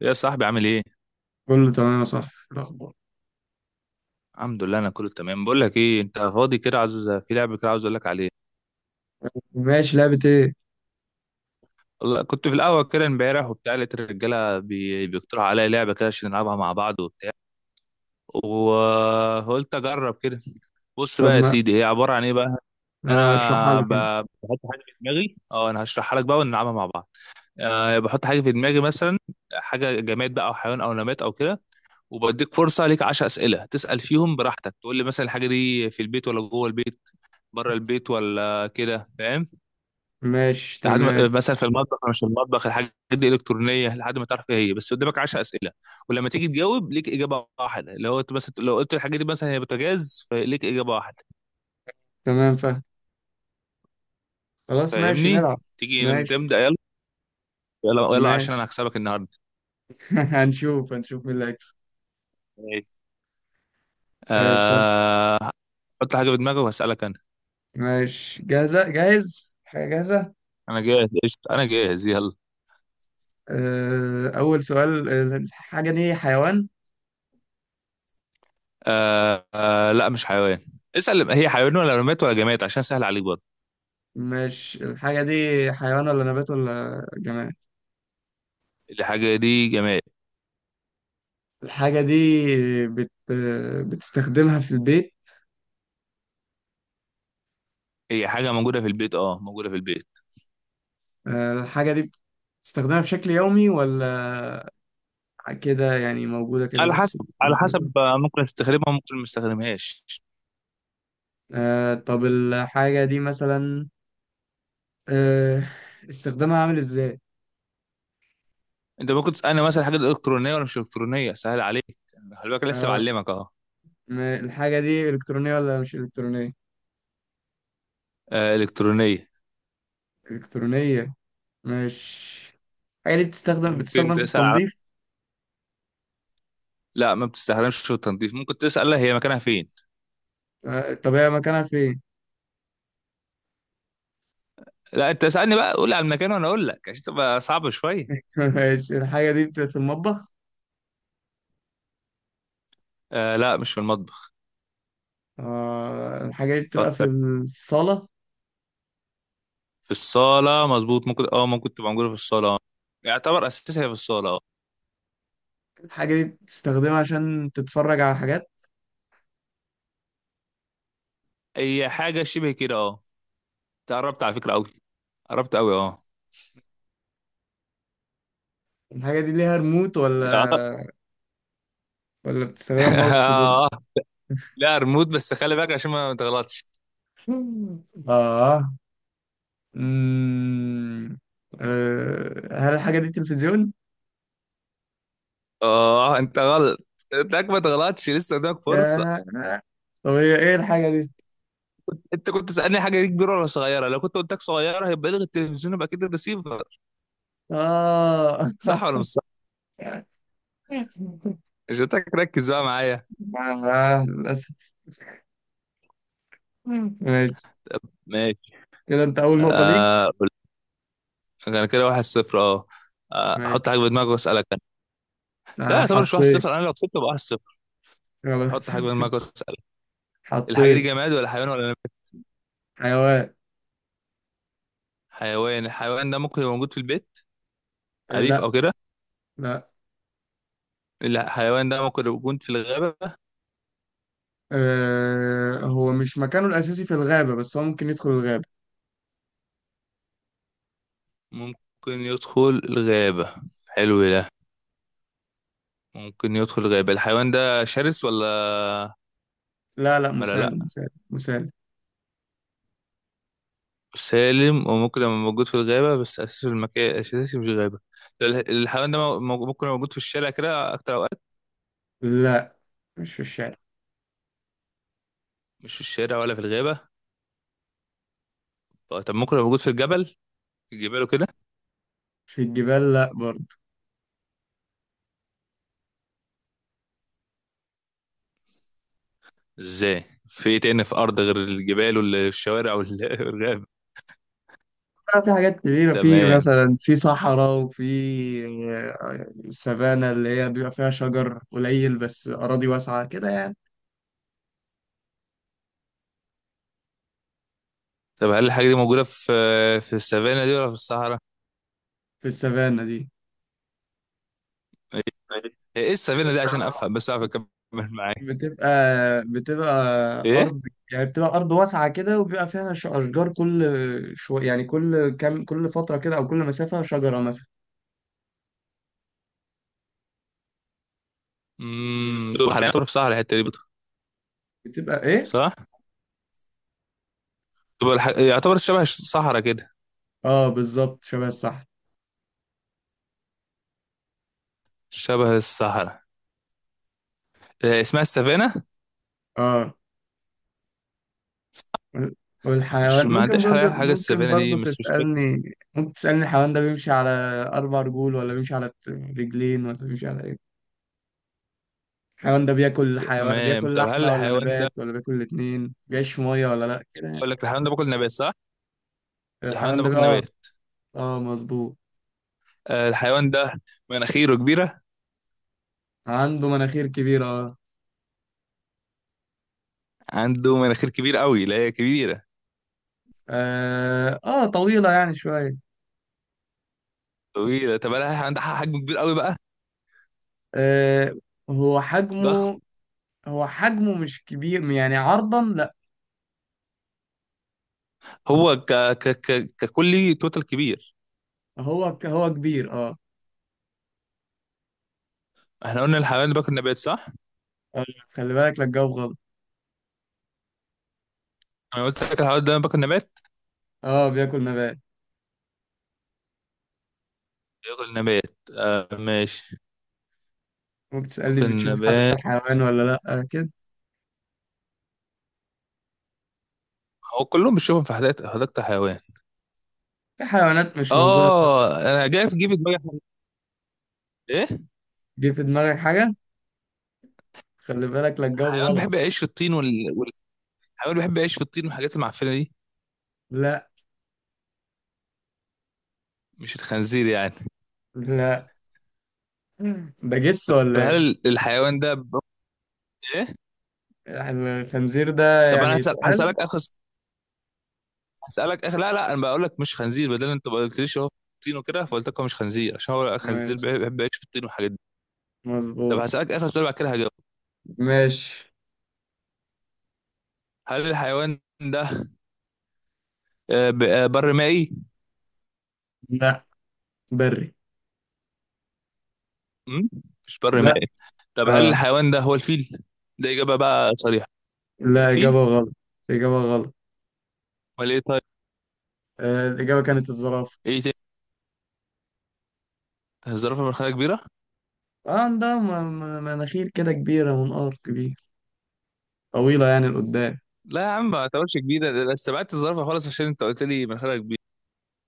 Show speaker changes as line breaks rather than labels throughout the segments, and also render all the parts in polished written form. يا صاحبي، عامل ايه؟
كله تمام يا صاحبي، إيه الأخبار؟
الحمد لله، انا كله تمام. بقول لك ايه، انت فاضي كده؟ عاوز في لعبه كده، عاوز اقول لك عليها.
ماشي. لعبة إيه؟
والله كنت في القهوه كده امبارح وبتاع، لقيت الرجاله بيقترحوا عليا لعبه كده عشان نلعبها مع بعض وبتاع. وقلت اجرب كده. بص
طب
بقى يا
ما
سيدي، هي عباره عن ايه بقى؟ ان
اشرحها
انا
لي كده.
بحط حاجه في دماغي. اه انا هشرحها لك بقى ونلعبها مع بعض. بحط حاجه في دماغي مثلا، حاجه جماد بقى او حيوان او نبات او كده. وبديك فرصه، ليك 10 اسئله تسال فيهم براحتك، تقول لي مثلا الحاجه دي في البيت ولا جوه البيت، بره البيت ولا كده، فاهم؟
ماشي،
لحد ما
تمام.
مثلا في المطبخ أو مش في المطبخ، الحاجات دي الكترونيه، لحد ما تعرف ايه هي. بس قدامك 10 اسئله. ولما تيجي تجاوب، ليك اجابه واحده. لو انت مثلا لو قلت الحاجه دي مثلا هي بوتاجاز، فليك اجابه واحده.
تمام، فاهم. خلاص، ماشي،
فاهمني؟
نلعب.
تيجي
ماشي،
نبدا، يلا. يلا يلا، عشان
ماشي.
انا هكسبك النهارده.
هنشوف هنشوف مين اللي هيكسب.
ماشي.
ماشي، يلا.
آه... حط حاجه في دماغك وهسالك انا.
ماشي. جاهز، حاجة جاهزة.
انا جاهز، قشطه، انا جاهز يلا.
أول سؤال. الحاجة دي حيوان؟
لا، مش حيوان. اسال هي حيوان ولا رماد ولا جماد، عشان سهل عليك برضه.
مش الحاجة دي. حيوان ولا نبات ولا جماد؟
الحاجه دي جماد.
الحاجة دي بت... آه، بتستخدمها في البيت؟
هي حاجة موجودة في البيت، موجودة في البيت.
الحاجة دي بتستخدمها بشكل يومي، ولا كده يعني موجودة كده
على
بس؟
حسب على حسب، ممكن تستخدمها ممكن ما تستخدمهاش.
طب الحاجة دي مثلا، آه استخدامها عامل ازاي؟
انت ممكن تسألني مثلا حاجة إلكترونية ولا مش إلكترونية، سهل عليك. يعني خلي بالك، لسه
آه
بعلمك اهو.
الحاجة دي إلكترونية ولا مش إلكترونية؟
إلكترونية.
إلكترونية. مش. الحاجة دي بتستخدم
ممكن
بتستخدم في
تسأل على.
التنظيف؟
لا، ما بتستخدمش في التنظيف. ممكن تسأل هي مكانها فين.
طب هي مكانها فين؟
لا، انت اسألني بقى، قول لي على المكان وانا اقول لك، عشان تبقى صعبة شوية.
ماشي، الحاجة دي بتبقى في المطبخ؟
آه، لا، مش في المطبخ.
الحاجة دي بتبقى في
فكر.
الصالة؟
في الصالة، مظبوط. ممكن تبقى موجودة في الصالة اه يعتبر أساسها في الصالة اه
الحاجة دي بتستخدمها عشان تتفرج على حاجات؟
هي حاجة شبه كده اه قربت على فكرة، قوي. قربت قوي اه
الحاجة دي ليها ريموت، ولا
أعت-
ولا بتستخدمها بماوس كيبورد؟
اه. لا، ريموت، بس خلي بالك عشان ما تغلطش.
اه. مم. هل الحاجة دي تلفزيون؟
اه، انت غلط. انتك ما تغلطش، لسه قدامك فرصة.
ياه! طب هي ايه الحاجة دي؟
انت كنت تسألني حاجة دي كبيرة ولا صغيرة؟ لو كنت قلت لك صغيرة هيبقى لغي التلفزيون، يبقى كده الريسيفر.
اه.
صح ولا مش صح؟ مش هتك ركز بقى معايا.
للأسف. ماشي.
ماشي.
كده انت أول نقطة ليك.
آه انا كده واحد صفر اه حط حاجة
ماشي.
في دماغك واسألك انا. لا، يعتبر مش واحد
حطيت.
صفر، انا لو كسبت يبقى واحد صفر. حط
خلاص.
حاجة في دماغك واسألك. الحاجة دي
حطيت.
جماد ولا حيوان ولا نبات؟
حيوان.
حيوان. الحيوان ده ممكن يبقى موجود في البيت؟ أليف
لا.
أو كده؟
لا.
الحيوان ده ممكن لو كنت في الغابة؟
هو مش مكانه الأساسي في الغابة، بس هو ممكن يدخل الغابة.
ممكن يدخل الغابة. حلو ده. ممكن يدخل الغابة. الحيوان ده شرس ولا؟
لا، لا،
ولا
مسالم
لأ؟
مسالم مسالم.
سالم. وممكن لما موجود في الغابة بس أساسي في المكان أساسي مش الغابة. الحيوان ده ممكن يبقى موجود في الشارع كده أكتر أوقات؟
لا، مش في الشارع.
مش في الشارع ولا في الغابة؟ طب، ممكن يبقى موجود في الجبل؟ في الجبال وكده؟
في الجبال، لا برضه.
ازاي، في ايه تاني في أرض غير الجبال والشوارع والغابة؟
بقى في حاجات كتيرة، في
تمام.
مثلا، في صحراء وفي السافانا اللي هي بيبقى فيها شجر قليل، بس أراضي واسعة كده يعني.
طب هل الحاجة دي موجودة في السافانا دي ولا في الصحراء؟
في السافانا دي.
إيه السفينه دي؟ عشان افهم بس اعرف اكمل. معاك.
بتبقى بتبقى
ايه؟
أرض، يعني بتبقى أرض واسعة كده، وبيبقى فيها أشجار كل شوية، يعني كل كام، كل فترة كده، أو كل مسافة شجرة مثلا.
دول حاليا يعتبر في صحراء، الحته دي بطل.
بتبقى إيه؟
صح. دول يعتبر شبه الصحراء كده.
بالظبط، شبه.
شبه الصحراء. إيه اسمها السفينه؟
الصح. وال-
مش،
والحيوان
ما
ممكن
عندهاش
برضه
حاجه، حاجه
ممكن
السفينه دي
برضه
مش سسبكت.
تسألني. ممكن تسألني، الحيوان ده بيمشي على أربع رجول، ولا بيمشي على رجلين، ولا بيمشي على إيه؟ الحيوان ده
تمام.
بياكل
طب هل
لحمة ولا
الحيوان ده؟
نبات ولا بياكل الاتنين، بيعيش في مية ولا لأ، كده يعني.
اقول لك الحيوان ده باكل نبات، صح؟ الحيوان
الحيوان
ده
ده
باكل
اه.
نبات.
اه، مظبوط.
آه، الحيوان ده مناخيره كبيره.
عنده مناخير كبيرة، اه.
عنده مناخير كبيره قوي؟ لا، هي كبيره.
اه. طويلة يعني شوية.
طويله. طب هل الحيوان ده حجم كبير قوي بقى؟
آه هو
ضخم.
حجمه هو حجمه مش كبير يعني، عرضا لأ.
هو ك... ك... ك... ككلي توتال كبير.
هو كبير، اه.
احنا قلنا الحيوان ده باكل نبات، صح؟
آه، خلي بالك لا تجاوب غلط.
انا قلت لك الحوار ده باكل نبات.
اه، بياكل نبات.
باكل نبات، ماشي.
وبتسألني،
باكل
بتشوفه في حديقة
نبات.
الحيوان ولا لأ، كده.
هو كلهم بتشوفهم في حديقة الحيوان.
في حيوانات مش موجودة.
اه، انا جاي في جيب في دماغي حاجة. ايه؟
جه في دماغك حاجة؟ خلي بالك لا تجاوب
حيوان
غلط.
بيحب يعيش في الطين والحيوان بيحب يعيش في الطين والحاجات المعفنة دي.
لا.
مش الخنزير يعني؟
لا، ده جس
طب
ولا ايه؟
هل الحيوان ده ايه؟
يعني، الخنزير ده
طب انا
يعني سؤال.
هسألك اخر هسألك اخر. لا لا، انا بقول لك مش خنزير، بدل انت ما قلتليش هو الطين وكده، فقلت لك هو مش خنزير، عشان هو الخنزير
ماشي،
بيحب يعيش في الطين والحاجات دي. طب
مظبوط.
هسألك اخر سؤال بعد كده هجاوب.
ماشي.
هل الحيوان ده؟ بر مائي؟
لا، بري.
مم؟ مش بر
لا.
مائي؟ طب هل
اه.
الحيوان ده هو الفيل؟ ده إجابة بقى صريحة.
لا،
فيل؟
إجابة غلط. إجابة غلط.
ولا إيه؟ طيب.
الإجابة كانت الزرافة.
إيه تاني؟ الزرافة مناخيرها كبيرة؟
اه، ده مناخير كده كبيرة، منقار كبير، طويلة يعني لقدام.
لا يا عم، ما اعتبرش كبيرة ده، أنا استبعدت الزرافة خالص عشان أنت قلت لي مناخيرها كبيرة.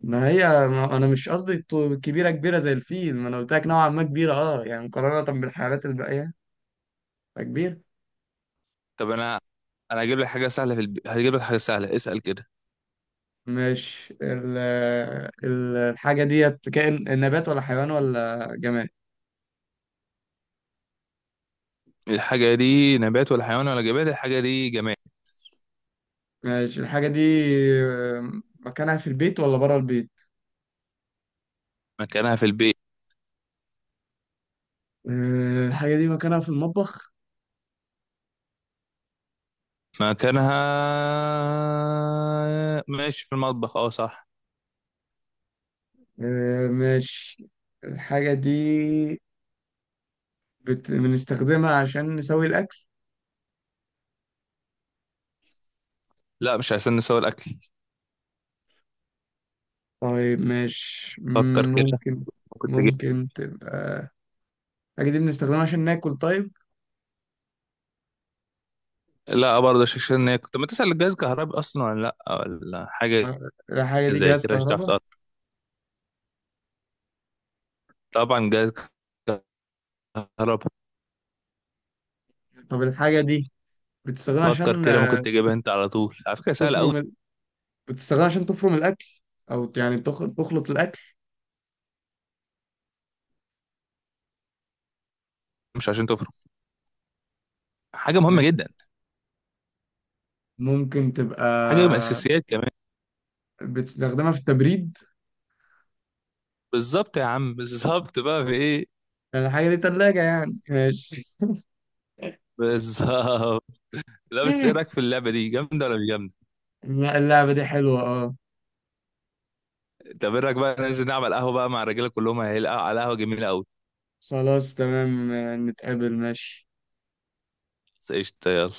ما هي، ما انا مش قصدي كبيره كبيره زي الفيل، ما انا قلت لك نوعا ما كبيره اه، يعني مقارنه بالحيوانات الباقيه. فكبير.
طب أنا هجيب لك حاجة سهلة في هجيب لك حاجة سهلة، اسأل كده.
مش ال ال- الحاجه ديت كائن، نبات ولا حيوان ولا جماد؟
الحاجة دي نبات ولا حيوان ولا جماد؟ الحاجة دي جماد.
ماشي. الحاجه دي، آه، مكانها في البيت ولا بره البيت؟
مكانها في البيت.
الحاجه دي مكانها في المطبخ؟
مكانها، ماشي، في المطبخ، اه، صح.
ماشي. الحاجه دي بنستخدمها عشان نسوي الاكل؟
لا، مش عشان نسوي الأكل.
طيب، مش
فكر كده.
ممكن.
كنت.
ممكن تبقى. الحاجة دي بنستخدمها عشان ناكل؟ طيب.
لا برضه، شكشنة كنت بتسأل الجهاز كهربي أصلا ولا لأ ولا حاجة؟
آه، الحاجة دي
زي
جهاز
كده مش هتعرف
كهرباء؟
تقرب. طبعا جهاز كهرباء.
طب الحاجة دي بتستخدمها
فكر
عشان
كده، ممكن تجيبها أنت على طول، على فكرة سهلة أوي.
تفرم ال... بتستخدمها عشان تفرم الأكل، أو يعني تخلط الأكل.
مش عشان تفرق. حاجة مهمة
آه،
جدا.
ممكن تبقى
حاجة من الأساسيات كمان.
بتستخدمها في التبريد؟
بالظبط يا عم، بالظبط بقى في إيه؟
الحاجة دي تلاجة يعني؟ ماشي.
بالظبط. لا، بس إيه رأيك في اللعبة دي، جامدة ولا مش جامدة؟
لا، اللعبة دي حلوة، اه.
طب إيه رأيك بقى ننزل نعمل قهوة بقى مع الرجالة، كلهم هيلقوا على قهوة جميلة أوي.
خلاص، تمام. نتقابل، ماشي.
قشطة، يلا.